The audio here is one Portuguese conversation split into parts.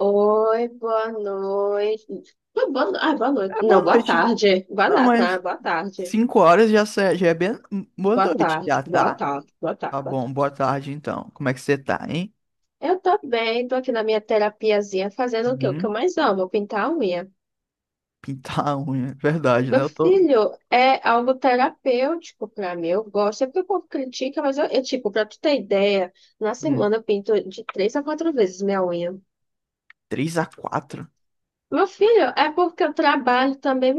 Oi, boa noite. Boa, boa no- ah, Boa É noite. boa Não, boa noite. tarde. Boa Não, nada, né? mas Boa tarde. cinco horas já, já é bem boa Boa noite, tarde, já boa tá? tarde, boa tarde, Tá boa bom, tarde. boa tarde então. Como é que você tá, hein? Eu tô bem, tô aqui na minha terapiazinha fazendo o que eu Hum, mais amo, pintar a unha. pintar a unha, é verdade, né? Meu Eu tô filho, é algo terapêutico pra mim. Eu gosto, sempre que o povo critica, mas eu, tipo, pra tu ter ideia, na hum, semana eu pinto de três a quatro vezes minha unha. 3 a 4. Meu filho, é porque eu trabalho também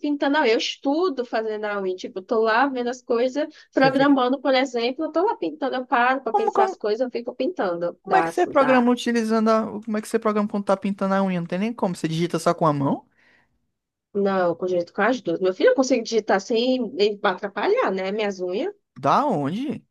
pintando a unha. Eu estudo fazendo a unha. Tipo, eu tô lá vendo as coisas, Quer dizer, que- programando, por exemplo, eu tô lá pintando, eu paro pra como, pensar como, as coisas, eu fico pintando. como é que Dá, você dá. programa utilizando a, como é que você programa quando tá pintando a unha? Não tem nem como, você digita só com a mão? Não, com jeito com as duas. Meu filho, eu consigo digitar sem me atrapalhar, né? Minhas unhas. Da onde?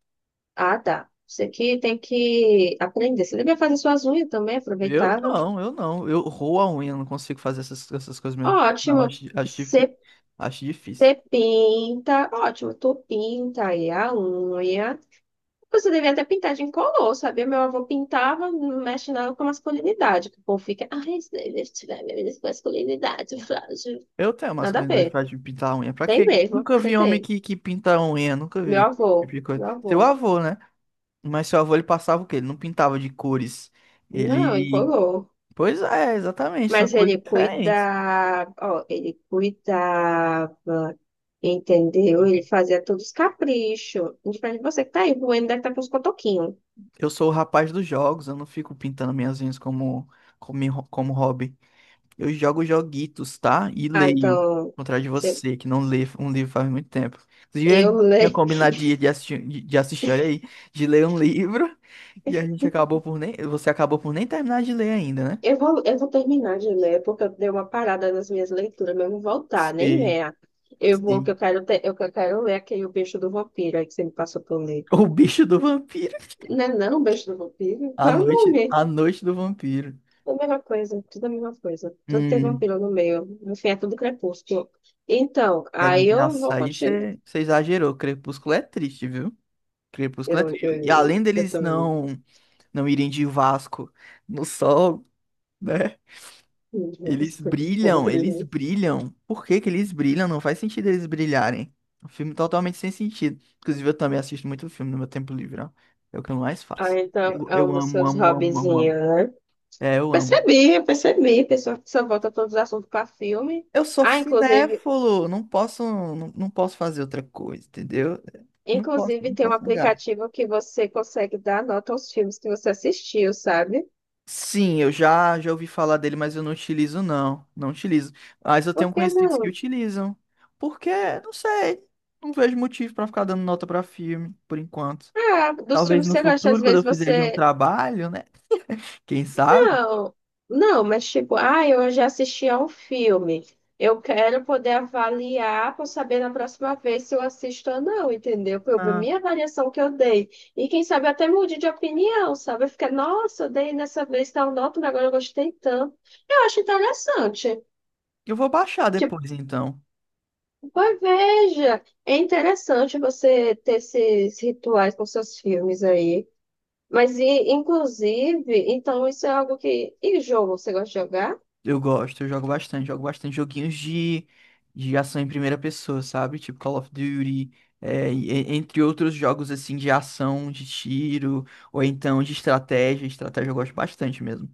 Ah, dá. Isso aqui tem que aprender. Você devia fazer suas unhas também, aproveitava. Eu não. Eu roo a unha, não consigo fazer essas coisas mesmo. Não, Ótimo. Você acho difícil. você pinta, ótimo, tu pinta aí a unha. Você devia até pintar de incolor, sabia? Meu avô pintava, não mexe nada com masculinidade, que o povo fica: ai, isso daí deve tirar minha vida, com masculinidade frágil. Eu tenho Nada a masculinidade ver. pra de pintar a unha. Pra Tem quê? mesmo, Nunca você vi homem tem. Que pinta a unha, nunca vi Meu esse tipo avô, de coisa. meu Seu avô. avô, né? Mas seu avô ele passava o quê? Ele não pintava de cores. Não, Ele. incolor. Pois é, exatamente, são Mas coisas ele diferentes. cuidava, ó, ele cuidava, entendeu? Ele fazia todos os caprichos. Diferente de você que tá aí, o Bueno deve estar com os cotoquinhos. Eu sou o rapaz dos jogos, eu não fico pintando minhas unhas como hobby. Eu jogo joguitos, tá? E Ah, leio. então, Ao contrário de você- você, que não lê um livro faz muito tempo. Inclusive, a eu gente tinha lembro. combinado de assistir, de assistir, olha aí, de ler um livro. E a gente acabou por nem. Você acabou por nem terminar de ler ainda, né? Eu vou terminar de ler, porque eu dei uma parada nas minhas leituras, mas eu vou voltar, nem Sei, venha. Eu vou, que sei. eu quero, ter, eu, Que eu quero ler aquele O Beijo do Vampiro aí que você me passou pra eu ler. O bicho do vampiro. Não é não, O Beijo do Vampiro? Qual é o nome? A noite do vampiro. É a mesma coisa, tudo é a mesma coisa. Tudo tem Hum, vampiro no meio, no fim é tudo crepúsculo. Então, aí eu nossa, vou aí continuar. você exagerou. Crepúsculo é triste, viu? Crepúsculo é Eu, triste. E eu, além eu deles também. não, não irem de Vasco no sol, né? Desculpa, outro Eles jeito. brilham. Por que que eles brilham? Não faz sentido eles brilharem. Um filme totalmente sem sentido. Inclusive, eu também assisto muito filme no meu tempo livre, ó. É o que eu mais Ah, faço. então, Eu, é um eu dos amo, seus amo, amo, amo, hobbyzinhos, amo. né? É, eu amo. Percebi, eu percebi. Pessoa que só volta todos os assuntos para filme. Eu sou Ah, inclusive, cinéfilo, não posso fazer outra coisa, entendeu? Não posso, inclusive não tem um posso negar. aplicativo que você consegue dar nota aos filmes que você assistiu, sabe? Sim, eu já já ouvi falar dele, mas eu não utilizo não, não utilizo. Mas eu tenho Por que conhecidos que não? utilizam. Porque, não sei, não vejo motivo pra ficar dando nota pra filme por enquanto. Ah, dos Talvez filmes que no você gosta, às futuro, quando vezes eu fizer de um você... trabalho, né? Quem sabe? Não, não, mas tipo, ah, eu já assisti a um filme. Eu quero poder avaliar para saber na próxima vez se eu assisto ou não, entendeu? Para eu ver Ah, minha avaliação que eu dei. E quem sabe até mude de opinião, sabe? Fica: nossa, eu dei nessa vez tal nota, mas agora eu gostei tanto. Eu acho interessante. eu vou baixar Tipo, depois então. pois veja, é interessante você ter esses rituais com seus filmes aí. Mas, e, inclusive, então isso é algo que... E jogo, você gosta de jogar? Eu jogo bastante joguinhos de ação em primeira pessoa, sabe? Tipo Call of Duty, é, entre outros jogos assim de ação, de tiro, ou então de estratégia. Estratégia eu gosto bastante mesmo.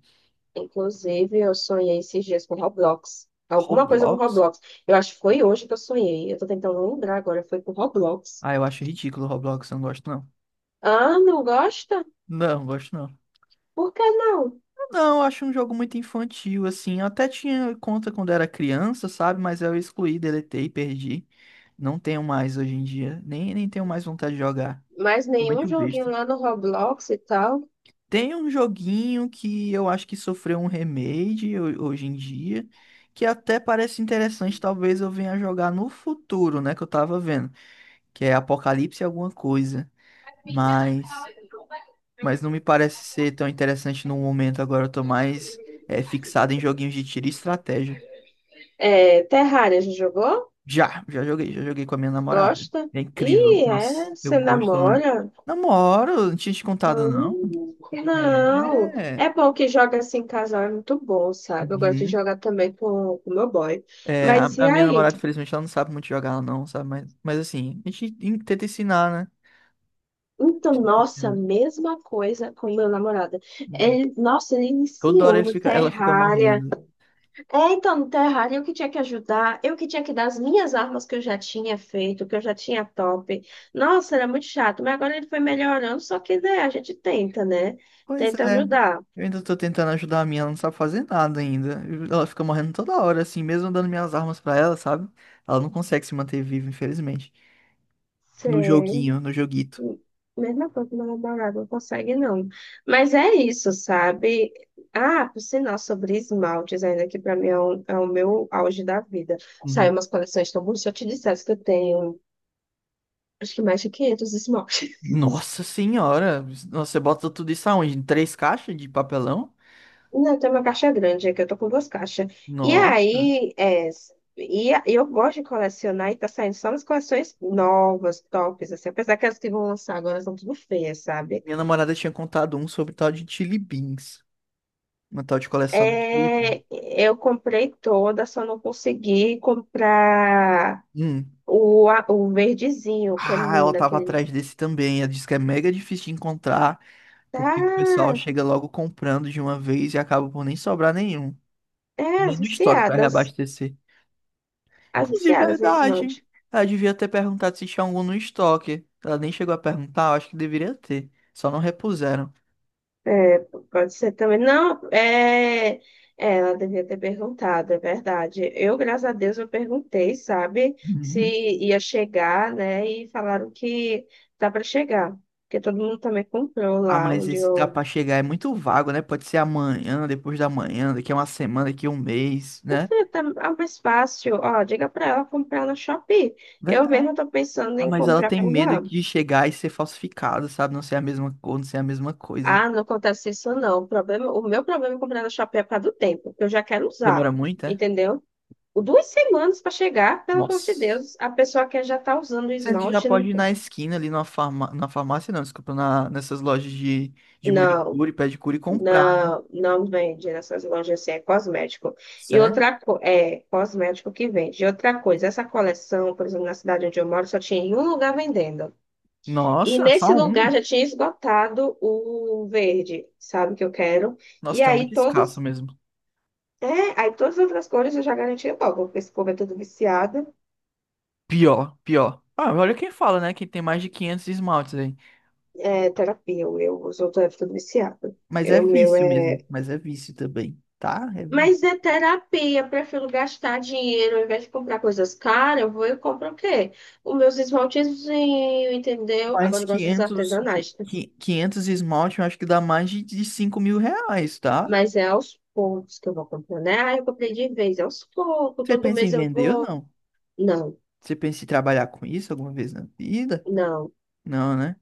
Inclusive, eu sonhei esses dias com Roblox. Alguma coisa com Roblox? Roblox. Eu acho que foi hoje que eu sonhei. Eu tô tentando lembrar agora. Foi com Roblox. Ah, eu acho ridículo o Roblox, eu não gosto não. Ah, não gosta? Não, gosto não. Por que não? Não, eu acho um jogo muito infantil, assim. Eu até tinha conta quando era criança, sabe? Mas eu excluí, deletei, perdi. Não tenho mais hoje em dia. Nem tenho mais vontade de jogar. Mas Tô nenhum muito joguinho besta. lá no Roblox e tal? Tem um joguinho que eu acho que sofreu um remake hoje em dia, que até parece interessante, talvez eu venha jogar no futuro, né, que eu tava vendo, que é Apocalipse alguma coisa, mas mas não me parece ser tão interessante no momento agora, eu tô mais é, fixado em joguinhos de tiro e estratégia. É, Terraria, já jogou? Já joguei com a minha namorada. Gosta? É incrível. Ih, Nossa, é? eu Você gosto muito. namora? Namoro, não tinha te contado não. Hum, É, não. é. É bom que joga assim em casal, é muito bom, sabe? Eu gosto de Uhum. jogar também com o meu boy. É, Mas e a minha aí? namorada, infelizmente, ela não sabe muito jogar, ela não, sabe? Mas assim, tenta ensinar, né? A Então, gente tenta nossa, ensinar. mesma coisa com meu namorado. Uhum. Ele, nossa, ele Toda hora iniciou ele no fica, ela fica Terraria. morrendo. É, então, no Terraria, eu que tinha que ajudar, eu que tinha que dar as minhas armas que eu já tinha feito, que eu já tinha top. Nossa, era muito chato, mas agora ele foi melhorando, só que né, a gente tenta, né? Pois Tenta é, ajudar. eu ainda tô tentando ajudar a minha, ela não sabe fazer nada ainda. Ela fica morrendo toda hora, assim, mesmo dando minhas armas pra ela, sabe? Ela não consegue se manter viva, infelizmente. No Sei. joguinho, no joguito. Mesma coisa que meu namorado não consegue, não. Mas é isso, sabe? Ah, por sinal, sobre esmaltes, ainda que pra mim é, é o meu auge da vida. Saiu Uhum. umas coleções tão bonitas. Se eu te dissesse que eu tenho, acho que mais de 500 esmaltes. Nossa senhora! Nossa, você bota tudo isso aonde? Em três caixas de papelão? Não, tem uma caixa grande aqui, eu tô com duas caixas. E Nossa! aí, é, e a- eu gosto de colecionar e tá saindo só nas coleções novas, tops, assim. Apesar que as que vão lançar agora são tudo feias, sabe? Minha namorada tinha contado um sobre tal de Chili Beans. Uma tal de coleção daquele. É, eu comprei toda, só não consegui comprar Hum. O verdezinho, que é Ah, ela lindo, tava aquele. atrás desse também. Ela disse que é mega difícil de encontrar, Tá, porque o pessoal chega logo comprando de uma vez e acaba por nem sobrar nenhum. é, Nem as no estoque para viciadas. reabastecer. As Inclusive, viciadas em verdade. esmalte. Ela devia ter perguntado se tinha algum no estoque. Ela nem chegou a perguntar, eu acho que deveria ter. Só não repuseram. É, pode ser também. Não, ela devia ter perguntado, é verdade. Eu, graças a Deus, eu perguntei, sabe, se Uhum. ia chegar, né? E falaram que dá para chegar, porque todo mundo também comprou Ah, lá mas onde esse tá eu... pra chegar é muito vago, né? Pode ser amanhã, depois da manhã, daqui a uma semana, daqui a um mês, né? Isso tá... É mais fácil, ó, diga pra ela comprar no Shopee. Eu Verdade. mesmo tô pensando em Mas ela comprar tem por medo lá. de chegar e ser falsificada, sabe? Não ser a mesma cor, não ser a mesma coisa. Ah, não acontece isso não. O problema, o meu problema é comprar no Shopee é por causa do tempo, que eu já quero usar, Demora muito, é? entendeu? O 2 semanas para chegar, pelo amor de Nossa. Deus, a pessoa que já tá usando o Sendo que já esmalte, pode não, ir na esquina ali na na farmácia, não, desculpa, na... nessas lojas de não, manicure, pedicure e comprar, né? não, não vende nessas lojas assim, é cosmético. Sério? É cosmético que vende. E outra coisa, essa coleção, por exemplo, na cidade onde eu moro, só tinha em um lugar vendendo. E Nossa, só nesse lugar um. já tinha esgotado o verde, sabe, que eu quero. Nossa, E tá aí muito escasso todas, mesmo. Aí todas as outras cores eu já garanti logo, porque esse povo é tudo viciado. Pior, pior. Ah, olha quem fala, né? Quem tem mais de 500 esmaltes aí. É terapia, o meu, os outros é tudo viciado. Mas Eu, é o meu vício é. mesmo. Mas é vício também, tá? É vício. Mas é terapia, prefiro gastar dinheiro, ao invés de comprar coisas caras, eu vou e compro o quê? Os meus esmaltezinhos, entendeu? Mas Agora eu gosto dos artesanais, né? 500 esmalte, eu acho que dá mais de 5 mil reais, tá? Mas é aos poucos que eu vou comprando, né? Ah, eu comprei de vez, é aos poucos, Você todo pensa em mês eu vender ou vou. não? Não. Você pensa em trabalhar com isso alguma vez na vida? Não, Não, né?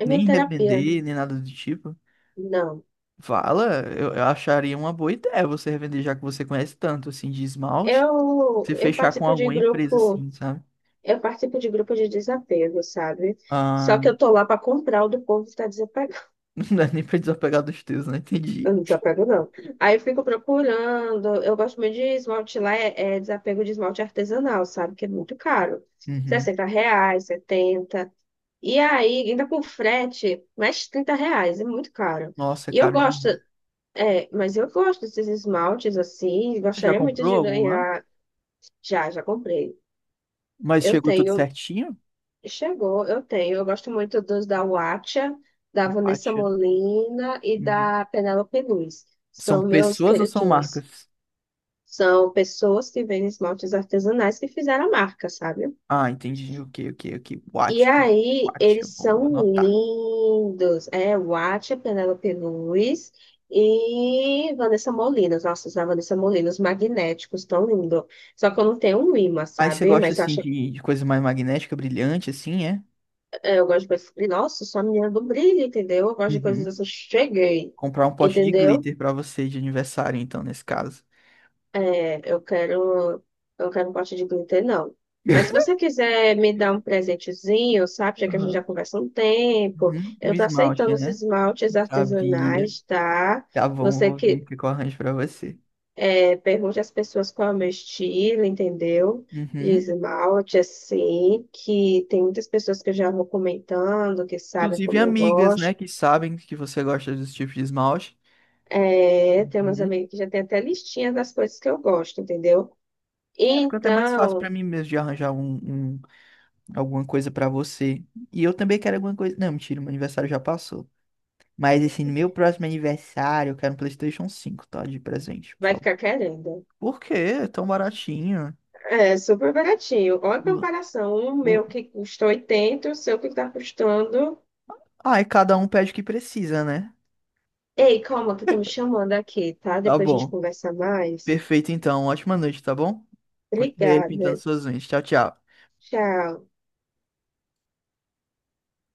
é minha Nem terapia. revender, nem nada do tipo. Não. Fala, eu acharia uma boa ideia você revender, já que você conhece tanto, assim, de esmalte. Eu, Você eu fechar com participo de alguma empresa, grupo, assim, sabe? eu participo de grupo de desapego, sabe? Só que Ah, eu tô lá para comprar o do povo que tá desapegado. não dá nem pra desapegar dos teus, né? Entendi. Eu não desapego, não. Aí eu fico procurando. Eu gosto muito de esmalte lá, é, é desapego de esmalte artesanal, sabe? Que é muito caro. Uhum. R$ 60, 70. E aí, ainda com frete, mais R$ 30, é muito caro. Nossa, é E eu caro gosto, demais. é, mas eu gosto desses esmaltes assim, Você já gostaria muito comprou de algum lá? ganhar. Já, já comprei. Mas Eu chegou tudo tenho, certinho? chegou, eu tenho. Eu gosto muito dos da Watcha, da O Vanessa pátio. Molina e da Penélope Luz. São São meus pessoas ou são queridinhos. marcas? São pessoas que vendem esmaltes artesanais que fizeram a marca, sabe? Ah, entendi. Ok, ok, ok. E Watch. aí, Watch, eu eles vou são anotar. lindos. É Watcha, Penélope Luz e Vanessa Molina. Nossa, os da Vanessa Molina, os magnéticos, tão lindo. Só que eu não tenho um imã, Aí você sabe? gosta, Mas eu assim, acho... de coisa mais magnética, brilhante, assim, é? É, eu gosto de coisas. E, nossa, sou a menina do brilho, entendeu? Eu gosto de coisas Uhum. assim, cheguei, Comprar um pote de entendeu? glitter pra você de aniversário, então, nesse caso. É, eu quero um pote de glitter, não. Mas se você quiser me dar um presentezinho, sabe? Já que a gente já Aham. conversa um tempo, Uhum. O eu tô aceitando esmalte, os né? esmaltes Sabia. artesanais, tá? Tá bom, Você vou ver o que que eu arranjo pra você. é, pergunte às pessoas qual é o meu estilo, entendeu? De Uhum. esmalte, assim, que tem muitas pessoas que eu já vou comentando, que sabem Inclusive como eu amigas, né, gosto. que sabem que você gosta desse tipo de esmalte. É, tem umas Uhum. amigas que já tem até listinha das coisas que eu gosto, entendeu? É, fica até mais fácil pra Então, mim mesmo de arranjar um alguma coisa pra você. E eu também quero alguma coisa. Não, mentira, meu aniversário já passou. Mas assim, no meu próximo aniversário, eu quero um PlayStation 5, tá? De presente, por vai favor. ficar querendo. Por quê? É tão baratinho. É super baratinho. Olha a Lu- comparação. O lu- meu que custa 80, o seu que tá custando... Ah, e cada um pede o que precisa, né? Ei, calma, que estão me chamando aqui, tá? Tá Depois a gente bom. conversa mais. Perfeito, então. Ótima noite, tá bom? Continue aí Obrigada. pintando suas unhas. Tchau, tchau. Tchau.